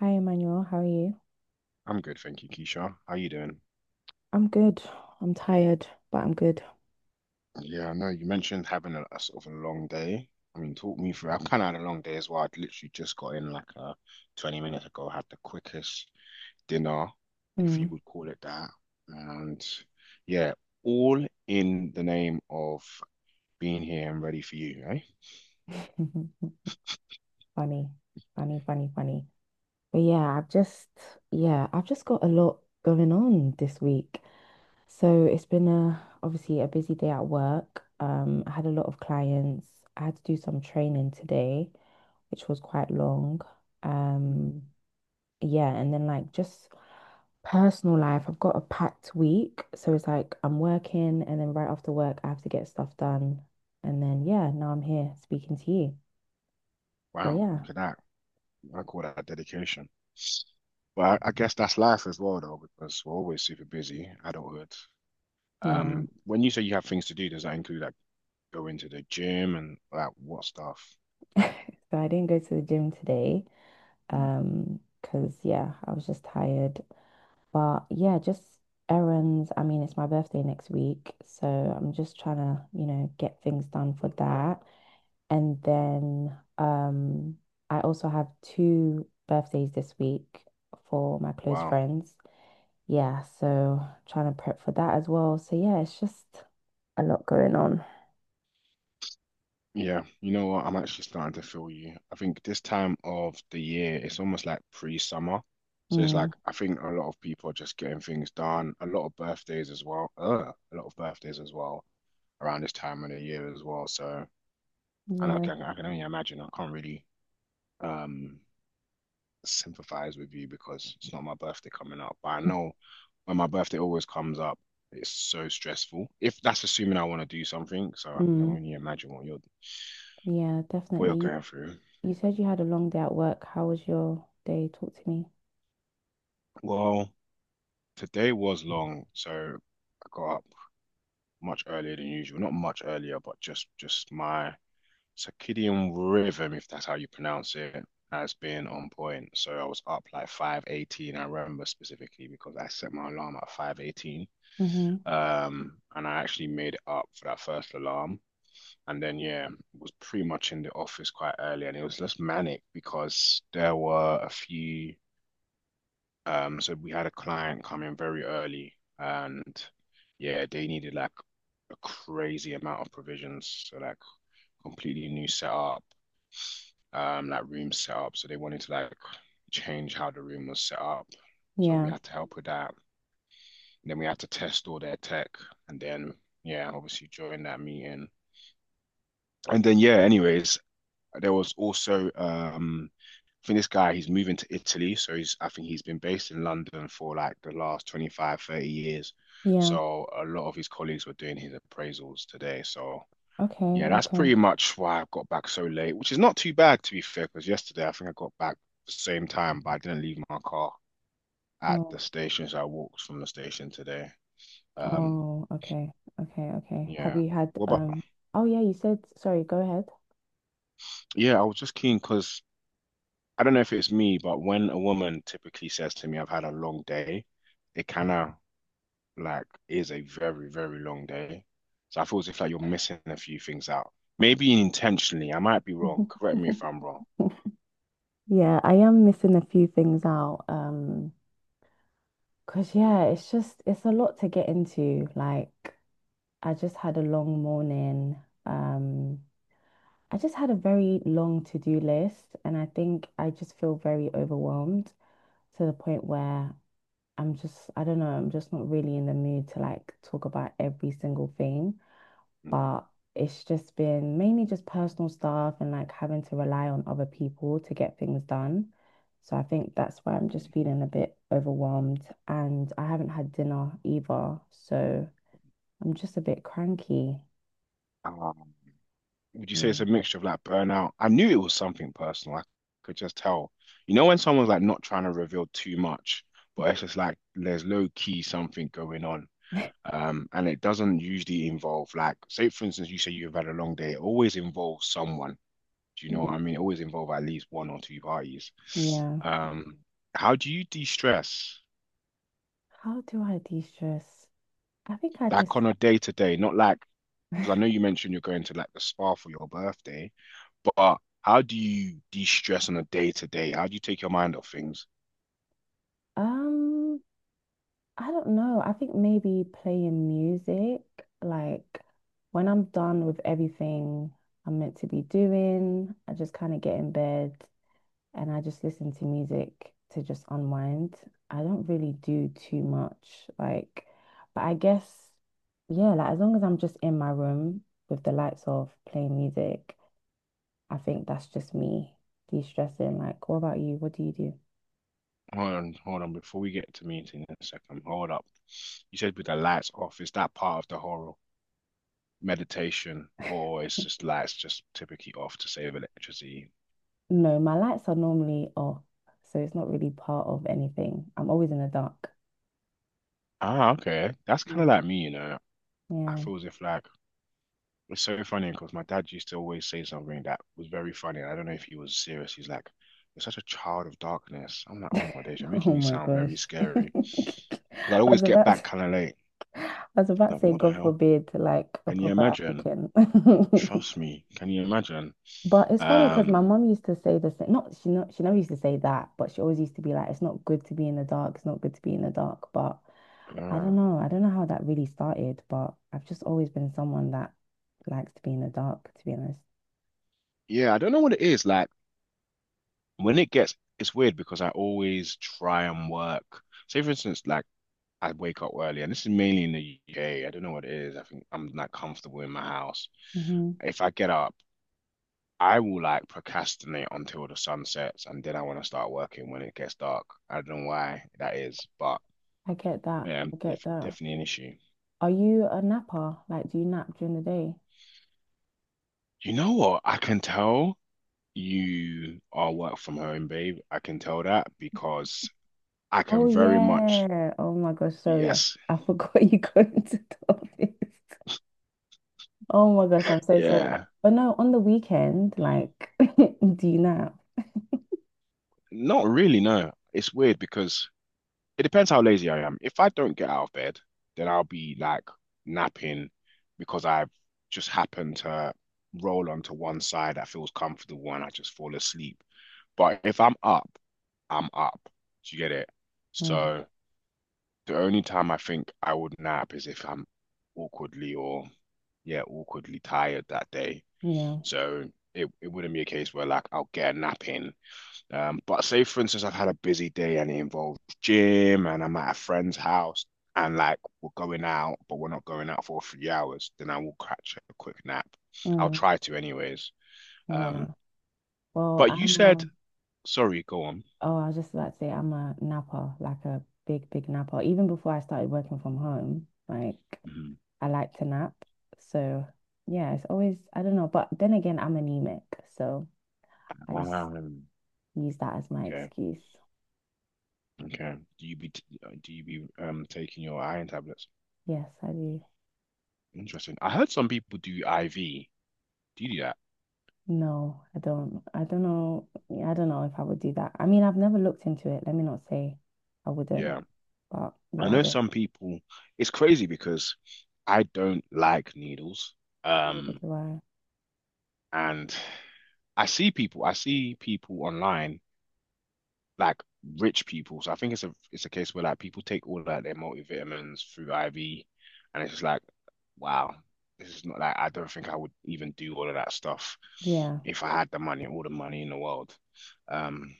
Hi, Emmanuel. How are you? I'm good, thank you, Keisha. How you doing? I'm good. I'm tired, but I'm good. Yeah, I know you mentioned having a sort of a long day. I mean, talk me through. I've kind of had a long day as well. I'd literally just got in like 20 minutes ago, had the quickest dinner, if you Mm. would call it that. And yeah, all in the name of being here and ready for you, eh? Funny, funny, funny, funny. But yeah, I've just got a lot going on this week. So it's been obviously a busy day at work. I had a lot of clients. I had to do some training today, which was quite long. Mm. Um, yeah, and then like just personal life, I've got a packed week. So it's like I'm working and then right after work I have to get stuff done. And then yeah, now I'm here speaking to you. So Wow, yeah, look at that. I call that dedication. But I guess that's life as well, though, because we're always super busy, adulthood. yeah. When you say you have things to do, does that include like going to the gym and like what stuff? So I didn't go to the gym today. Mm. Because yeah, I was just tired. But yeah, just errands. I mean, it's my birthday next week, so I'm just trying to, get things done for that. And then I also have two birthdays this week for my close Wow. friends. Yeah, so trying to prep for that as well. So yeah, it's just a lot going on. Yeah, you know what? I'm actually starting to feel you. I think this time of the year, it's almost like pre-summer. So it's Mm, like I think a lot of people are just getting things done. A lot of birthdays as well. A lot of birthdays as well around this time of the year as well. So and I yeah. can I can only imagine. I can't really um sympathize with you because it's not my birthday coming up. But I know when my birthday always comes up, it's so stressful. If that's assuming I want to do something, so I can Mm, only imagine what you're yeah, what definitely. you're You going through. you said you had a long day at work. How was your day? Talk to me. Well, today was long, so I got up much earlier than usual. Not much earlier, but just my circadian rhythm, if that's how you pronounce it, has been on point. So I was up like 5:18. I remember specifically because I set my alarm at 5:18. Mm-hmm. And I actually made it up for that first alarm. And then, yeah, was pretty much in the office quite early, and it was just manic because there were a few. So we had a client come in very early, and yeah, they needed like a crazy amount of provisions, so like completely new setup, like room setup. So they wanted to like change how the room was set up. So we Yeah. had to help with that. And then we had to test all their tech, and then yeah, obviously during that meeting. And then yeah, anyways, there was also I think this guy, he's moving to Italy, so he's I think he's been based in London for like the last 25, 30 years. Yeah. So a lot of his colleagues were doing his appraisals today. So Okay. yeah, that's Okay. pretty much why I got back so late, which is not too bad to be fair, because yesterday I think I got back the same time, but I didn't leave my car at Oh. the station, so I walked from the station today. Um Oh. Okay. Okay. Okay. Have yeah. you had Well, but Oh yeah. You said sorry. Go yeah, I was just keen because I don't know if it's me, but when a woman typically says to me, I've had a long day, it kind of like is a very, very long day. So I feel as if like you're missing a few things out. Maybe intentionally, I might be wrong. ahead. Correct me if I'm wrong. Yeah, I am missing a few things out. 'Cause yeah, it's a lot to get into. Like I just had a long morning. Um, I just had a very long to-do list and I think I just feel very overwhelmed to the point where I don't know, I'm just not really in the mood to like talk about every single thing. Mhm. But it's just been mainly just personal stuff and like having to rely on other people to get things done. So I think that's why I'm just feeling a bit overwhelmed and I haven't had dinner either. So I'm just a bit cranky. Um, would you say it's Yeah. a mixture of like burnout? I knew it was something personal. I could just tell. You know, when someone's like not trying to reveal too much, but it's just like there's low key something going on. And it doesn't usually involve like, say for instance, you say you've had a long day, it always involves someone. Do you know what I Yeah. mean? It always involves at least one or two parties. Yeah. Um, how do you de-stress How do I de-stress? I think I just like on a day to day? Not like, because I know you mentioned you're going to like the spa for your birthday, but how do you de-stress on a day to day? How do you take your mind off things? um I don't know. I think maybe playing music, like when I'm done with everything I'm meant to be doing, I just kind of get in bed and I just listen to music to just unwind. I don't really do too much, like, but I guess, yeah, like as long as I'm just in my room with the lights off playing music, I think that's just me de-stressing. Like, what about you? What do you do? Hold on, hold on, before we get to meeting in a second, hold up. You said with the lights off, is that part of the horror? Meditation, or it's just lights just typically off to save electricity. No, my lights are normally off, so it's not really part of anything. I'm always in the dark. Ah, okay. That's kind of Mm. like me, you know. I Yeah. feel as if like it's so funny because my dad used to always say something that was very funny, and I don't know if he was serious. He's like, "You're such a child of darkness." I'm like, "Oh my days, you're Oh making me my sound gosh. very scary." Because I always get back kind of late. I was about to Like, say, what the God hell? forbid, like a Can you proper imagine? African. Trust me. Can you imagine? But it's funny because my Um, mom used to say the same. Not she never used to say that, but she always used to be like, "It's not good to be in the dark. It's not good to be in the dark." But I uh, don't know. I don't know how that really started, but I've just always been someone that likes to be in the dark, to be honest. yeah, I don't know what it is. Like, when it gets, it's weird because I always try and work. Say, for instance, like I wake up early, and this is mainly in the UK. I don't know what it is. I think I'm not comfortable in my house. Hmm. If I get up, I will like procrastinate until the sun sets, and then I want to start working when it gets dark. I don't know why that is, but I get that. yeah, I get that. definitely an issue. Are you a napper? Like, do you nap during the day? You know what? I can tell you are work from home, babe. I can tell that because I Oh can very much, yeah. Oh my gosh. Yes. I forgot you go into the office. Oh my gosh, I'm so sorry. Yeah. But no, on the weekend, like, do you nap? Not really, no. It's weird because it depends how lazy I am. If I don't get out of bed, then I'll be like napping because I've just happened to roll onto one side that feels comfortable and I just fall asleep. But if I'm up, I'm up. Do you get it? Mm, So the only time I think I would nap is if I'm awkwardly or yeah, awkwardly tired that day. yeah. So it wouldn't be a case where like I'll get a nap in but say for instance, I've had a busy day and it involves gym and I'm at a friend's house and like we're going out, but we're not going out for 3 hours, then I will catch a quick nap. I'll Mm, try to anyways. yeah. Um, Well, but you I'm said, sorry, go on. oh, I was just about to say I'm a napper, like a big, big napper. Even before I started working from home, like Mhm. I like to nap. So yeah, it's always, I don't know. But then again, I'm anemic. So I just Um, use that as my okay, excuse. okay. Do you be taking your iron tablets? Yes, I do. Interesting. I heard some people do IV. Do you do that? No, I don't. I don't know. Yeah, I don't know if I would do that. I mean, I've never looked into it. Let me not say I wouldn't. Yeah. But I yeah, I know don't. some people, it's crazy because I don't like needles. Um, And I see people online, like rich people. So I think it's a case where like people take all like their multivitamins through IV, and it's just like, wow, this is not like I don't think I would even do all of that stuff Yeah. if I had the money, all the money in the world. Um,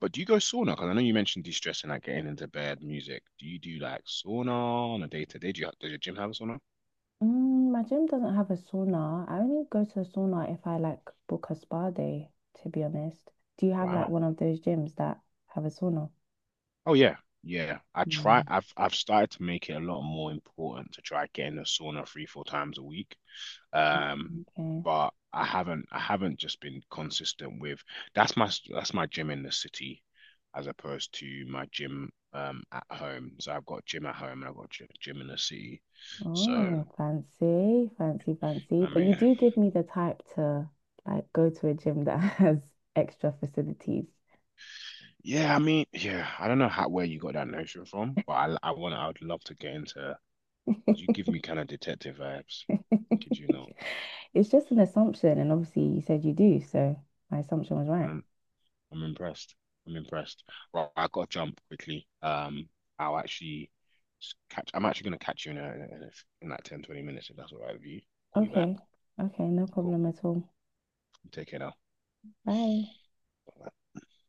but do you go sauna? Because I know you mentioned de-stressing, like getting into bed, music. Do you do like sauna on a day to day? Do you, does your gym have a sauna? Mm, my gym doesn't have a sauna. I only go to the sauna if I like book a spa day, to be honest. Do you have like Wow. one of those gyms that have a sauna? Oh yeah, yeah. I try. Mm. I've started to make it a lot more important to try getting a sauna three, four times a week. Um, Okay. but I haven't just been consistent with that's my gym in the city as opposed to my gym at home. So I've got a gym at home and I've got a gym in the city. So Oh, fancy, fancy, fancy. I But you mean, do give me the type to like go to a gym that has extra facilities. yeah, I mean, yeah. I don't know how where you got that notion from, but I want I would love to get into because you give me kind of detective vibes. Could you not? It's just an assumption, and obviously you said you do, so my assumption was I right. mean, I'm impressed. I'm impressed. Well, I got to jump quickly. I'll actually catch. I'm actually gonna catch you in in like 10, 20 minutes if that's all right with you. Call you back. Okay. Okay, no Cool. problem at all. Take care now. Bye. Bye.